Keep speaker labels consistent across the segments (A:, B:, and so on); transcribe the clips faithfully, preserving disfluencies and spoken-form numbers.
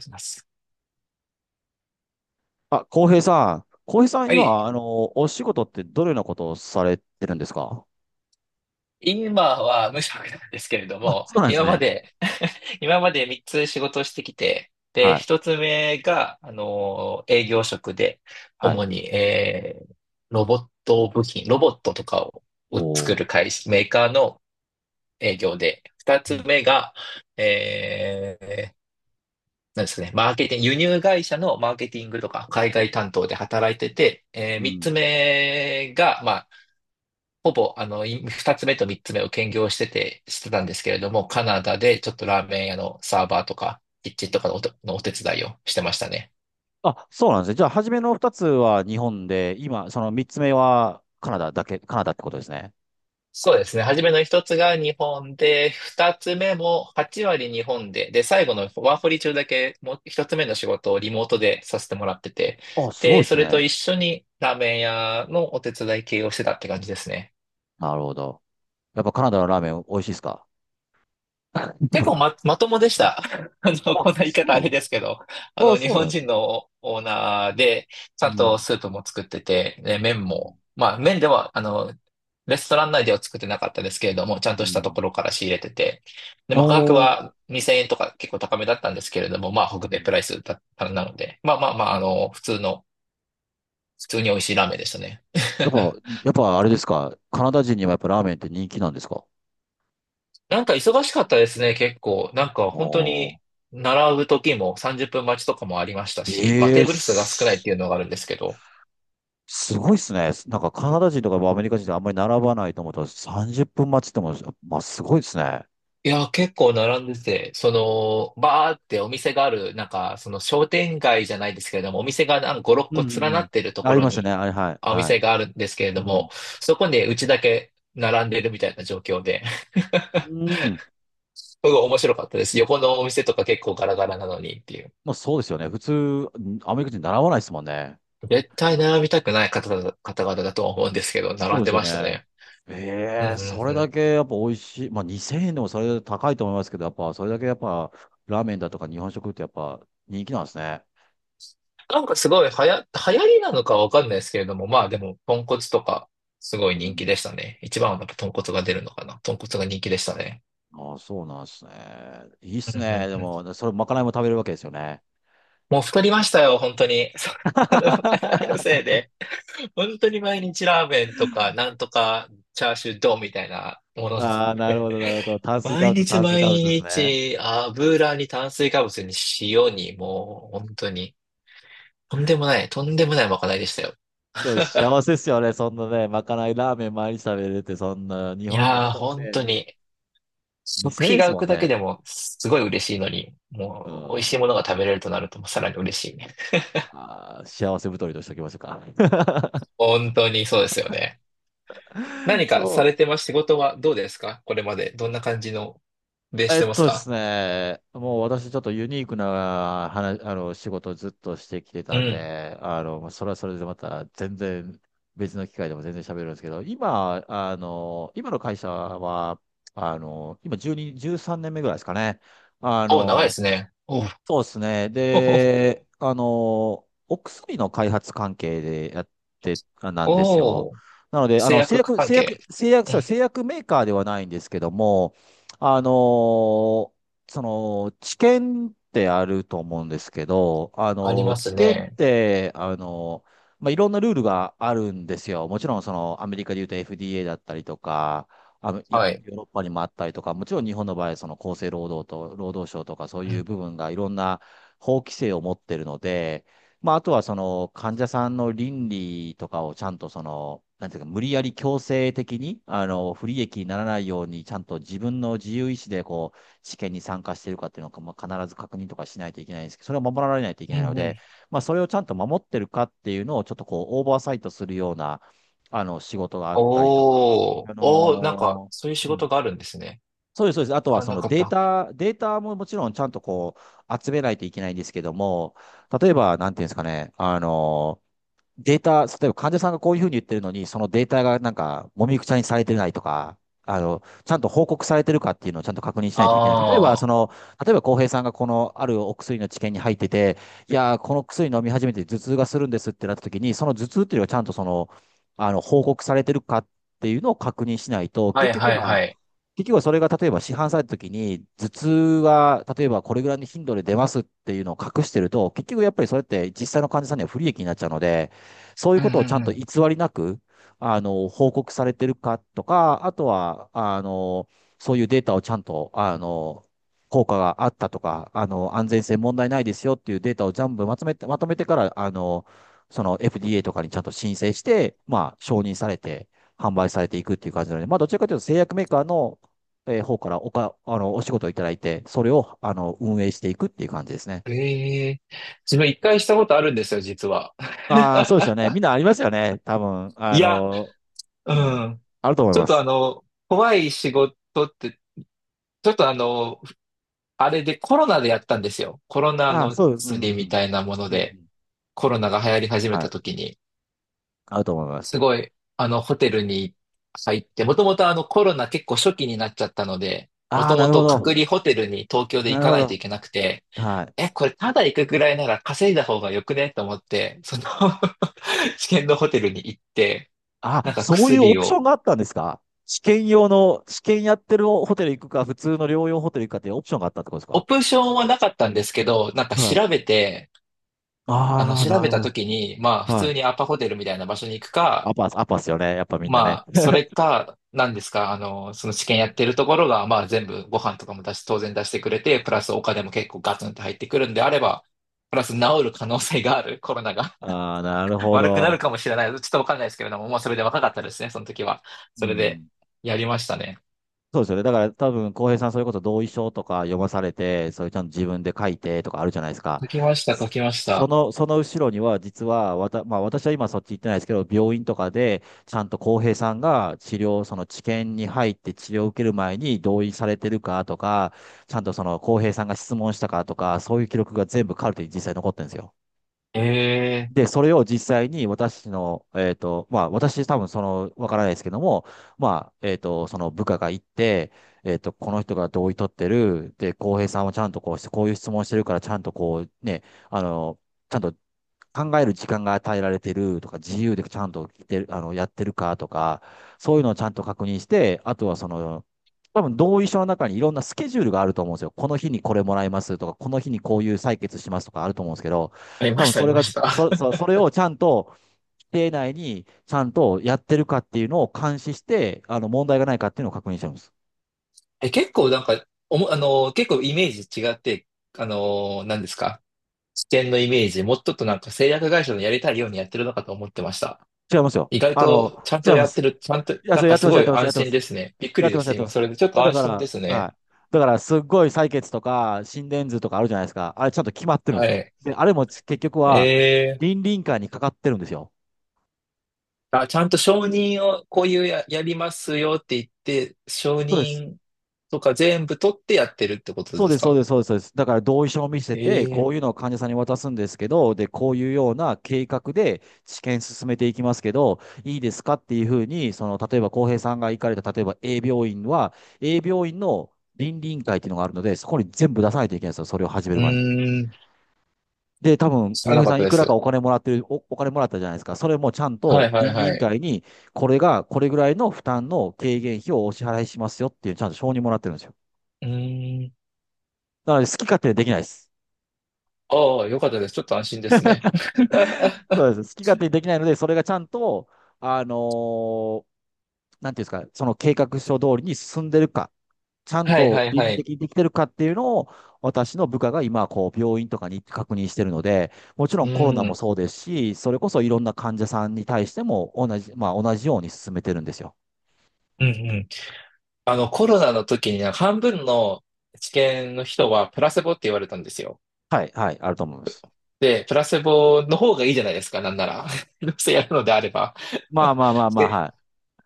A: します。
B: あ、浩平さん。浩平さん、
A: はい。
B: 今、あの、お仕事ってどのようなことをされてるんですか？
A: 今は無職なんですけれど
B: あ、
A: も、
B: そうなんです
A: 今
B: ね。
A: まで、今までみっつ仕事をしてきて、で、
B: はい。
A: ひとつめが、あの、営業職で、
B: はい。
A: 主に、えーロボット部品、ロボットとかを、を作
B: おー。
A: る会社、メーカーの営業で、2
B: う
A: つ
B: ん。
A: 目が、えーなんですかね、マーケティング、輸入会社のマーケティングとか海外担当で働いてて、え
B: う
A: 3
B: ん。
A: つ目が、まほぼ、あの、い二つ目と三つ目を兼業してて、してたんですけれども、カナダでちょっとラーメン屋のサーバーとか、キッチンとかのお手、のお手伝いをしてましたね。
B: あ、そうなんですね。じゃあ、初めの二つは日本で、今、その三つ目はカナダだけ、カナダってことですね。
A: そうですね。初めの一つが日本で、二つ目もはち割日本で、で、最後のワーホリ中だけ、もう一つ目の仕事をリモートでさせてもらってて、
B: あ、すご
A: で、
B: いです
A: それと
B: ね。
A: 一緒にラーメン屋のお手伝い系をしてたって感じですね。
B: なるほど。やっぱカナダのラーメン美味しいですか？
A: 結 構ま、まともでした。あの、
B: あ、
A: こんな言い方あ
B: そ
A: れですけど、あ
B: う。あ、
A: の、日
B: そうなん
A: 本
B: です
A: 人
B: ね。
A: のオーナーで、ち
B: う
A: ゃんと
B: ん。
A: スープも作ってて、で、
B: う
A: 麺
B: ん。
A: も、まあ、麺では、あの、レストラン内では作ってなかったですけれども、ちゃん
B: う
A: としたとこ
B: ん。
A: ろから仕入れてて、で、まあ、価格
B: おー。
A: はにせんえんとか結構高めだったんですけれども、まあ、
B: う
A: 北米
B: ん。
A: プライスだったなので、まあまあまあ、あの、普通の、普通に美味しいラーメンでしたね。
B: やっぱ、やっぱあれですか。カナダ人にはやっぱラーメンって人気なんですか？
A: なんか忙しかったですね、結構。なんか本当
B: おー。
A: に、並ぶ時もさんじゅっぷん待ちとかもありましたし、まあ
B: え
A: テ
B: え
A: ーブル数が少ないっ
B: す、
A: ていうのがあるんですけど。
B: すごいっすね。なんかカナダ人とかアメリカ人ってあんまり並ばないと思ったらさんじゅっぷん待ちっても、まあすごいっすね。
A: いや、結構並んでて、その、バーってお店がある、なんか、その商店街じゃないですけれども、お店がなんかご、6
B: う
A: 個
B: んう
A: 連
B: ん
A: な
B: うん。
A: ってると
B: あ
A: こ
B: り
A: ろ
B: ますよね。
A: に、
B: あれ、はい、
A: あお
B: はい。
A: 店があるんですけれ
B: う
A: ど
B: ん。
A: も、そこでうちだけ並んでるみたいな状況で、
B: うん。
A: すごい面白かったです。横のお店とか結構ガラガラなのにっていう。
B: まあそうですよね。普通、アメリカ人習わないですもんね。
A: 絶対並びたくない方々、方々だとは思うんですけど、
B: そ
A: 並
B: う
A: ん
B: で
A: で
B: すよ
A: ました
B: ね。
A: ね。うんう
B: ええ、
A: ん
B: それ
A: う
B: だ
A: ん。
B: けやっぱ美味しい。まあにせんえんでもそれ高いと思いますけど、やっぱそれだけやっぱラーメンだとか日本食ってやっぱ人気なんですね。
A: なんかすごい流行、流行りなのかわかんないですけれども、まあでも、豚骨とか、すご
B: う
A: い人気
B: ん。
A: でしたね。一番はやっぱ豚骨が出るのかな。豚骨が人気でしたね。
B: ああ、そうなんですね。いいっ
A: うん
B: す
A: う
B: ね。
A: ん
B: で
A: うん。
B: も、それ、まかないも食べるわけですよね。
A: もう太りましたよ、本当に。そうあのまかなれのせい で。本当に毎日ラーメンとか、なんとかチャーシュー丼みたいなものです
B: ああ、
A: ね。
B: なるほど、なるほど。炭水化
A: 毎
B: 物、
A: 日
B: 炭水
A: 毎
B: 化物ですね。
A: 日、油に炭水化物に塩に、もう本当に、とんでもない、とんでもないまかないでしたよ。
B: でも幸 せですよね。そんなね、まかないラーメン毎日食べれて、そんな、日
A: い
B: 本、
A: やー、
B: ほんと
A: 本
B: ね、
A: 当
B: に
A: に。食
B: にせんえん
A: 費
B: で
A: が
B: す
A: 浮
B: も
A: く
B: ん
A: だけ
B: ね。
A: でもすごい嬉しいのに、
B: う
A: もう美味し
B: ん。
A: いものが食べれるとなるともうさらに嬉しいね。
B: ああ、幸せ太りとしておきましょうか。
A: 本当にそうですよね。何か
B: そ
A: さ
B: う、
A: れてます？仕事はどうですか？これまでどんな感じので？し
B: えっ
A: てます
B: とです
A: か？
B: ね、もう私ちょっとユニークな話、あの、仕事をずっとしてきて
A: う
B: たん
A: ん。
B: で、あの、まあそれはそれでまた全然別の機会でも全然喋るんですけど、今、あの、今の会社は、あの、今じゅうに、じゅうさんねんめぐらいですかね。あ
A: お、長いで
B: の、
A: すね。おう、
B: そうですね。
A: おう、
B: で、あの、お薬の開発関係でやって、あなんですよ。
A: おう、
B: なので、あ
A: 製
B: の、製
A: 薬
B: 薬、
A: 関
B: 製
A: 係。
B: 薬、製薬、
A: うん。
B: そう、製薬メーカーではないんですけども、あの、その、治験ってあると思うんですけど、あ
A: あり
B: の、
A: ま
B: 治
A: す
B: 験っ
A: ね。
B: て、あの、まあ、いろんなルールがあるんですよ。もちろん、その、アメリカで言うと エフディーエー だったりとか、あの、いヨ
A: はい。
B: ーロッパにもあったりとか、もちろん日本の場合、その厚生労働と労働省とかそう
A: う
B: いう
A: ん。
B: 部分がいろんな法規制を持ってるので、まあ、あとはその患者さんの倫理とかをちゃんとその、なんていうか、無理やり強制的に、あの、不利益にならないように、ちゃんと自分の自由意志で、こう、試験に参加しているかっていうのを、まあ、必ず確認とかしないといけないんですけど、それを守られないといけ
A: う
B: ないの
A: んう
B: で、
A: ん。
B: まあ、それをちゃんと守ってるかっていうのを、ちょっとこう、オーバーサイトするような、あの、仕事があったりとか、
A: おー、
B: あ
A: おー、なんか、
B: の
A: そういう
B: ー
A: 仕
B: うん
A: 事があるんですね。
B: そうです、そうです。あと
A: 知
B: は
A: ら
B: そ
A: な
B: の
A: かっ
B: デー
A: た。
B: タ、データももちろんちゃんとこう集めないといけないんですけども、例えば、なんていうんですかね、あの、データ、例えば患者さんがこういうふうに言ってるのに、そのデータがなんか、もみくちゃにされてないとか、あの、ちゃんと報告されてるかっていうのをちゃんと確認しないといけない。例えば、そ
A: ああ、
B: の、例えば、浩平さんがこのあるお薬の治験に入ってて、いやー、この薬飲み始めて頭痛がするんですってなった時に、その頭痛っていうのがちゃんとその、あの、報告されてるかっていうのを確認しないと、
A: は
B: 結
A: いは
B: 局
A: い
B: は、
A: はい。
B: 結局はそれが例えば市販された時に、頭痛は例えばこれぐらいの頻度で出ますっていうのを隠してると、結局やっぱりそれって実際の患者さんには不利益になっちゃうので、そういう
A: うん
B: こと
A: う
B: をちゃん
A: んう
B: と偽
A: ん。
B: りなく、あの、報告されてるかとか、あとは、あの、そういうデータをちゃんと、あの、効果があったとか、あの、安全性問題ないですよっていうデータを全部まとめて、まとめてから、あの、その エフディーエー とかにちゃんと申請して、まあ、承認されて、販売されていくっていう感じなので、まあ、どちらかというと製薬メーカーのえー方からおか、あの、お仕事をいただいて、それを、あの、運営していくっていう感じですね。
A: ええ自分一回したことあるんですよ、実は。
B: ああ、そ うですよね。みんなありますよね。多分、あ
A: いや、
B: の、
A: う
B: うん。
A: ん。
B: あると思い
A: ちょっ
B: ま
A: とあ
B: す。
A: の、怖い仕事って、ちょっとあの、あれでコロナでやったんですよ。コロナ
B: ああ、
A: の
B: そうです。うん、う
A: 薬み
B: ん。
A: たいなもの
B: うんう
A: で、
B: ん。
A: コロナが流行り始め
B: は
A: た
B: い。
A: 時に、
B: あると思います。
A: すごい、あの、ホテルに入って、もともとあの、コロナ結構初期になっちゃったので、も
B: ああ、
A: と
B: な
A: も
B: るほ
A: と
B: ど。
A: 隔離ホテルに東京で
B: な
A: 行
B: る
A: か
B: ほ
A: ないと
B: ど。
A: いけなくて、
B: はい。
A: え、これただ行くぐらいなら稼いだ方がよくねと思って、その 試験のホテルに行って、な
B: あ、
A: んか
B: そういうオ
A: 薬
B: プショ
A: を、
B: ンがあったんですか？試験用の、試験やってるホテル行くか、普通の療養ホテル行くかっていうオプションがあったってことです
A: オ
B: か？
A: プションはなかったんですけど、なんか
B: はい。
A: 調べて、あの、
B: ああ、
A: 調
B: な
A: べ
B: る
A: た
B: ほど。
A: 時に、まあ、普
B: は
A: 通
B: い。
A: にアパホテルみたいな場所に行くか、
B: アパス、アパスよね。やっぱみんなね。
A: まあ、それか、なんですか、あの、その治験やってるところが、まあ、全部ご飯とかも出し、当然出してくれて、プラスお金も結構ガツンと入ってくるんであれば、プラス治る可能性がある、コロナが
B: ああ、なる ほ
A: 悪くな
B: ど。
A: るかもしれない。ちょっとわかんないですけれども、もうそれで若かったですね、その時は。
B: う
A: それで、
B: ん。
A: やりましたね。
B: そうですよね。だから多分、浩平さん、それこそ同意書とか読まされて、それちゃんと自分で書いてとかあるじゃないですか。
A: 解きました、解
B: そ
A: きまし
B: そ
A: た。
B: の、その後ろには、実は、わた、まあ私は今そっち行ってないですけど、病院とかで、ちゃんと浩平さんが治療、その治験に入って治療を受ける前に同意されてるかとか、ちゃんとその浩平さんが質問したかとか、そういう記録が全部カルテに実際残ってるんですよ。
A: ええー。
B: で、それを実際に私の、えっと、まあ、私多分その、わからないですけども、まあ、えっと、その部下が行って、えっと、この人が同意取ってる、で、浩平さんはちゃんとこうして、こういう質問してるから、ちゃんとこう、ね、あの、ちゃんと考える時間が与えられてるとか、自由でちゃんと来てる、あの、やってるかとか、そういうのをちゃんと確認して、あとはその、多分同意書の中にいろんなスケジュールがあると思うんですよ。この日にこれもらいますとか、この日にこういう採決しますとかあると思うんですけど、
A: あり
B: 多
A: まし
B: 分
A: た、あ
B: そ
A: り
B: れ
A: ま
B: が、
A: した。
B: そ、そ、それをちゃんと、規定内にちゃんとやってるかっていうのを監視して、あの、問題がないかっていうのを確認してるんです。
A: え、結構なんか、おも、あの結構イメージ違って、あの何ですか？視点のイメージ、もうちょっとなんか製薬会社のやりたいようにやってるのかと思ってました。
B: 違いますよ。
A: 意外
B: あ
A: と
B: の、
A: ちゃん
B: 違
A: と
B: いま
A: やって
B: す。
A: る、ちゃんと、
B: いや、
A: な
B: そ
A: ん
B: れ
A: か
B: やって
A: す
B: ます、
A: ご
B: やっ
A: い
B: てます、や
A: 安
B: ってま
A: 心
B: す。
A: ですね。びっく
B: やっ
A: り
B: て
A: で
B: ます、や
A: す、
B: ってま
A: 今。そ
B: す。
A: れでちょっ
B: あ、
A: と
B: だ
A: 安
B: か
A: 心で
B: ら、
A: すね。
B: はい。だから、すっごい採血とか、心電図とかあるじゃないですか。あれ、ちゃんと決まってるんで
A: は
B: すよ。
A: い。
B: で、あれも結局は、
A: え
B: 倫理委員会にかかってるんですよ。
A: ー、あ、ちゃんと承認をこういうや、やりますよって言って、承
B: そうです。
A: 認とか全部取ってやってるってこと
B: そう
A: で
B: で
A: す
B: す、そう
A: か？
B: です、そうです、そうです。だから、同意書を見せ
A: え
B: て、こ
A: ー、
B: ういうのを患者さんに渡すんですけど、で、こういうような計画で治験進めていきますけど、いいですかっていうふうに、その、例えば、浩平さんが行かれた、例えば A 病院は、A 病院の倫理委員会っていうのがあるので、そこに全部出さないといけないんですよ。それを始め
A: う
B: る前に。
A: ーん、
B: で、多分、
A: 知ら
B: 浩
A: な
B: 平
A: か
B: さ
A: っ
B: ん
A: た
B: い
A: で
B: くらか
A: す。
B: お金もらってる、お、お金もらったじゃないですか。それもちゃん
A: は
B: と
A: いはい
B: 倫理委
A: は
B: 員
A: い。
B: 会に、これが、これぐらいの負担の軽減費をお支払いしますよっていう、ちゃんと承認もらってるんですよ。
A: うーん、
B: なので、好き勝手にできないです。
A: ああ、よかったです。ちょっと安心ですね。
B: そ うです。好き勝手にできないので、それがちゃんと、あのーなんていうんですか、その計画書通りに進んでるか。ちゃん
A: はい
B: と
A: はい
B: 倫
A: は
B: 理
A: い。
B: 的にできてるかっていうのを、私の部下が今、こう、病院とかに行って確認してるので、もちろ
A: う
B: んコロナも
A: ん。
B: そうですし、それこそいろんな患者さんに対しても同じ、まあ同じように進めてるんですよ。
A: うんうん。あの、コロナの時にね、半分の治験の人はプラセボって言われたんですよ。
B: はい、はい、あると思います。
A: で、プラセボの方がいいじゃないですか、なんなら。どうせやるのであれば。
B: まあまあまあ まあ、
A: で、
B: は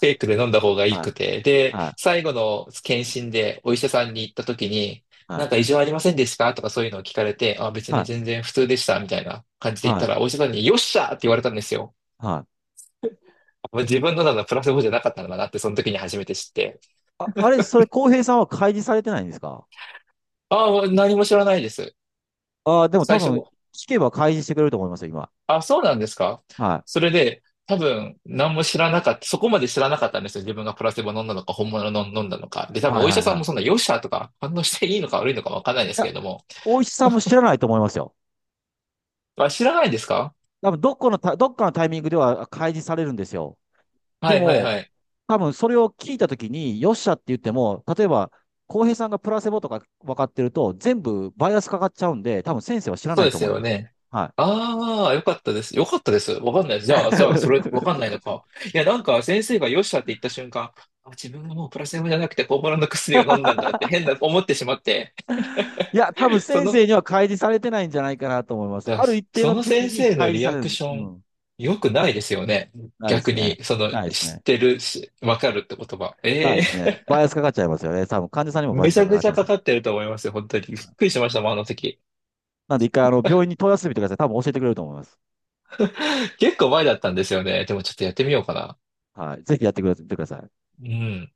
A: フェイクで飲んだ方が
B: い、
A: いい
B: はい、
A: くて。で、
B: はい、
A: 最後の検診でお医者さんに行った時に、
B: は
A: なん
B: い、
A: か異常ありませんでしたとかそういうのを聞かれて、あ、別に全然普通でした、みたいな感じで言っ
B: は
A: た
B: い、
A: ら、お医者さんによっしゃーって言われたんですよ。
B: はい。
A: 自分のなのプラスボじゃなかったのかなって、その時に初めて知って。
B: あ、あれ、それ、浩平さんは開示されてないんですか？
A: ああ、もう何も知らないです。
B: ああ、でも多
A: 最
B: 分、
A: 初、
B: 聞けば開示してくれると思いますよ、今。
A: あ、そうなんですか？
B: は
A: そ
B: い。
A: れで、多分、何も知らなかった、そこまで知らなかったんですよ。自分がプラセボ飲んだのか、本物の飲んだのか。で、多分、
B: はい
A: お医
B: は
A: 者
B: い
A: さん
B: は
A: もそんな、
B: い。
A: よっしゃとか、反応していいのか悪いのかわかんないで
B: い
A: すけ
B: や、
A: れども。
B: 大石さんも知らないと思いますよ。
A: あ、知らないですか？
B: 多分、どっかのタ、どっかのタイミングでは開示されるんですよ。で
A: はいはい
B: も、
A: はい。
B: 多分それを聞いたときに、よっしゃって言っても、例えば、浩平さんがプラセボとか分かってると、全部バイアスかかっちゃうんで、多分先生は知ら
A: そ
B: な
A: う
B: い
A: で
B: と
A: す
B: 思い
A: よ
B: ます。
A: ね。
B: はい。
A: ああ、よかったです。よかったです。わかんないです。じゃあ、じゃあ、それ、わかんな いのか。いや、なんか、先生がよっしゃって言った瞬間、あ、自分がもうプラセボじゃなくて、本物の薬を飲んだんだって変な思ってしまって、
B: いや、多分
A: そ
B: 先
A: の、
B: 生には開示されてないんじゃないかなと思います。
A: じゃあ、
B: ある一定
A: そ
B: の
A: の
B: 時期
A: 先
B: に
A: 生
B: 開
A: の
B: 示
A: リ
B: さ
A: ア
B: れ
A: ク
B: る。
A: ショ
B: う
A: ン、
B: ん。
A: 良くないですよね。
B: ないで
A: 逆
B: すね。
A: に、その、
B: ないです
A: 知っ
B: ね。
A: てるし、わかるって言葉。
B: ないで
A: え
B: すね。
A: え、
B: バイアスかかっちゃいますよね。多分患者さんにもバイ
A: め
B: アス
A: ち
B: が
A: ゃ
B: かか
A: く
B: っ
A: ち
B: て
A: ゃ
B: ま
A: か
B: す。
A: かってると思いますよ、本当に。びっくりしましたもん、あの時。
B: なんで一回あの病院に問い合わせてみてください。多分教えてくれると思います。
A: 結構前だったんですよね。でも、ちょっとやってみようかな。
B: はい。ぜひやってくれてください。
A: うん。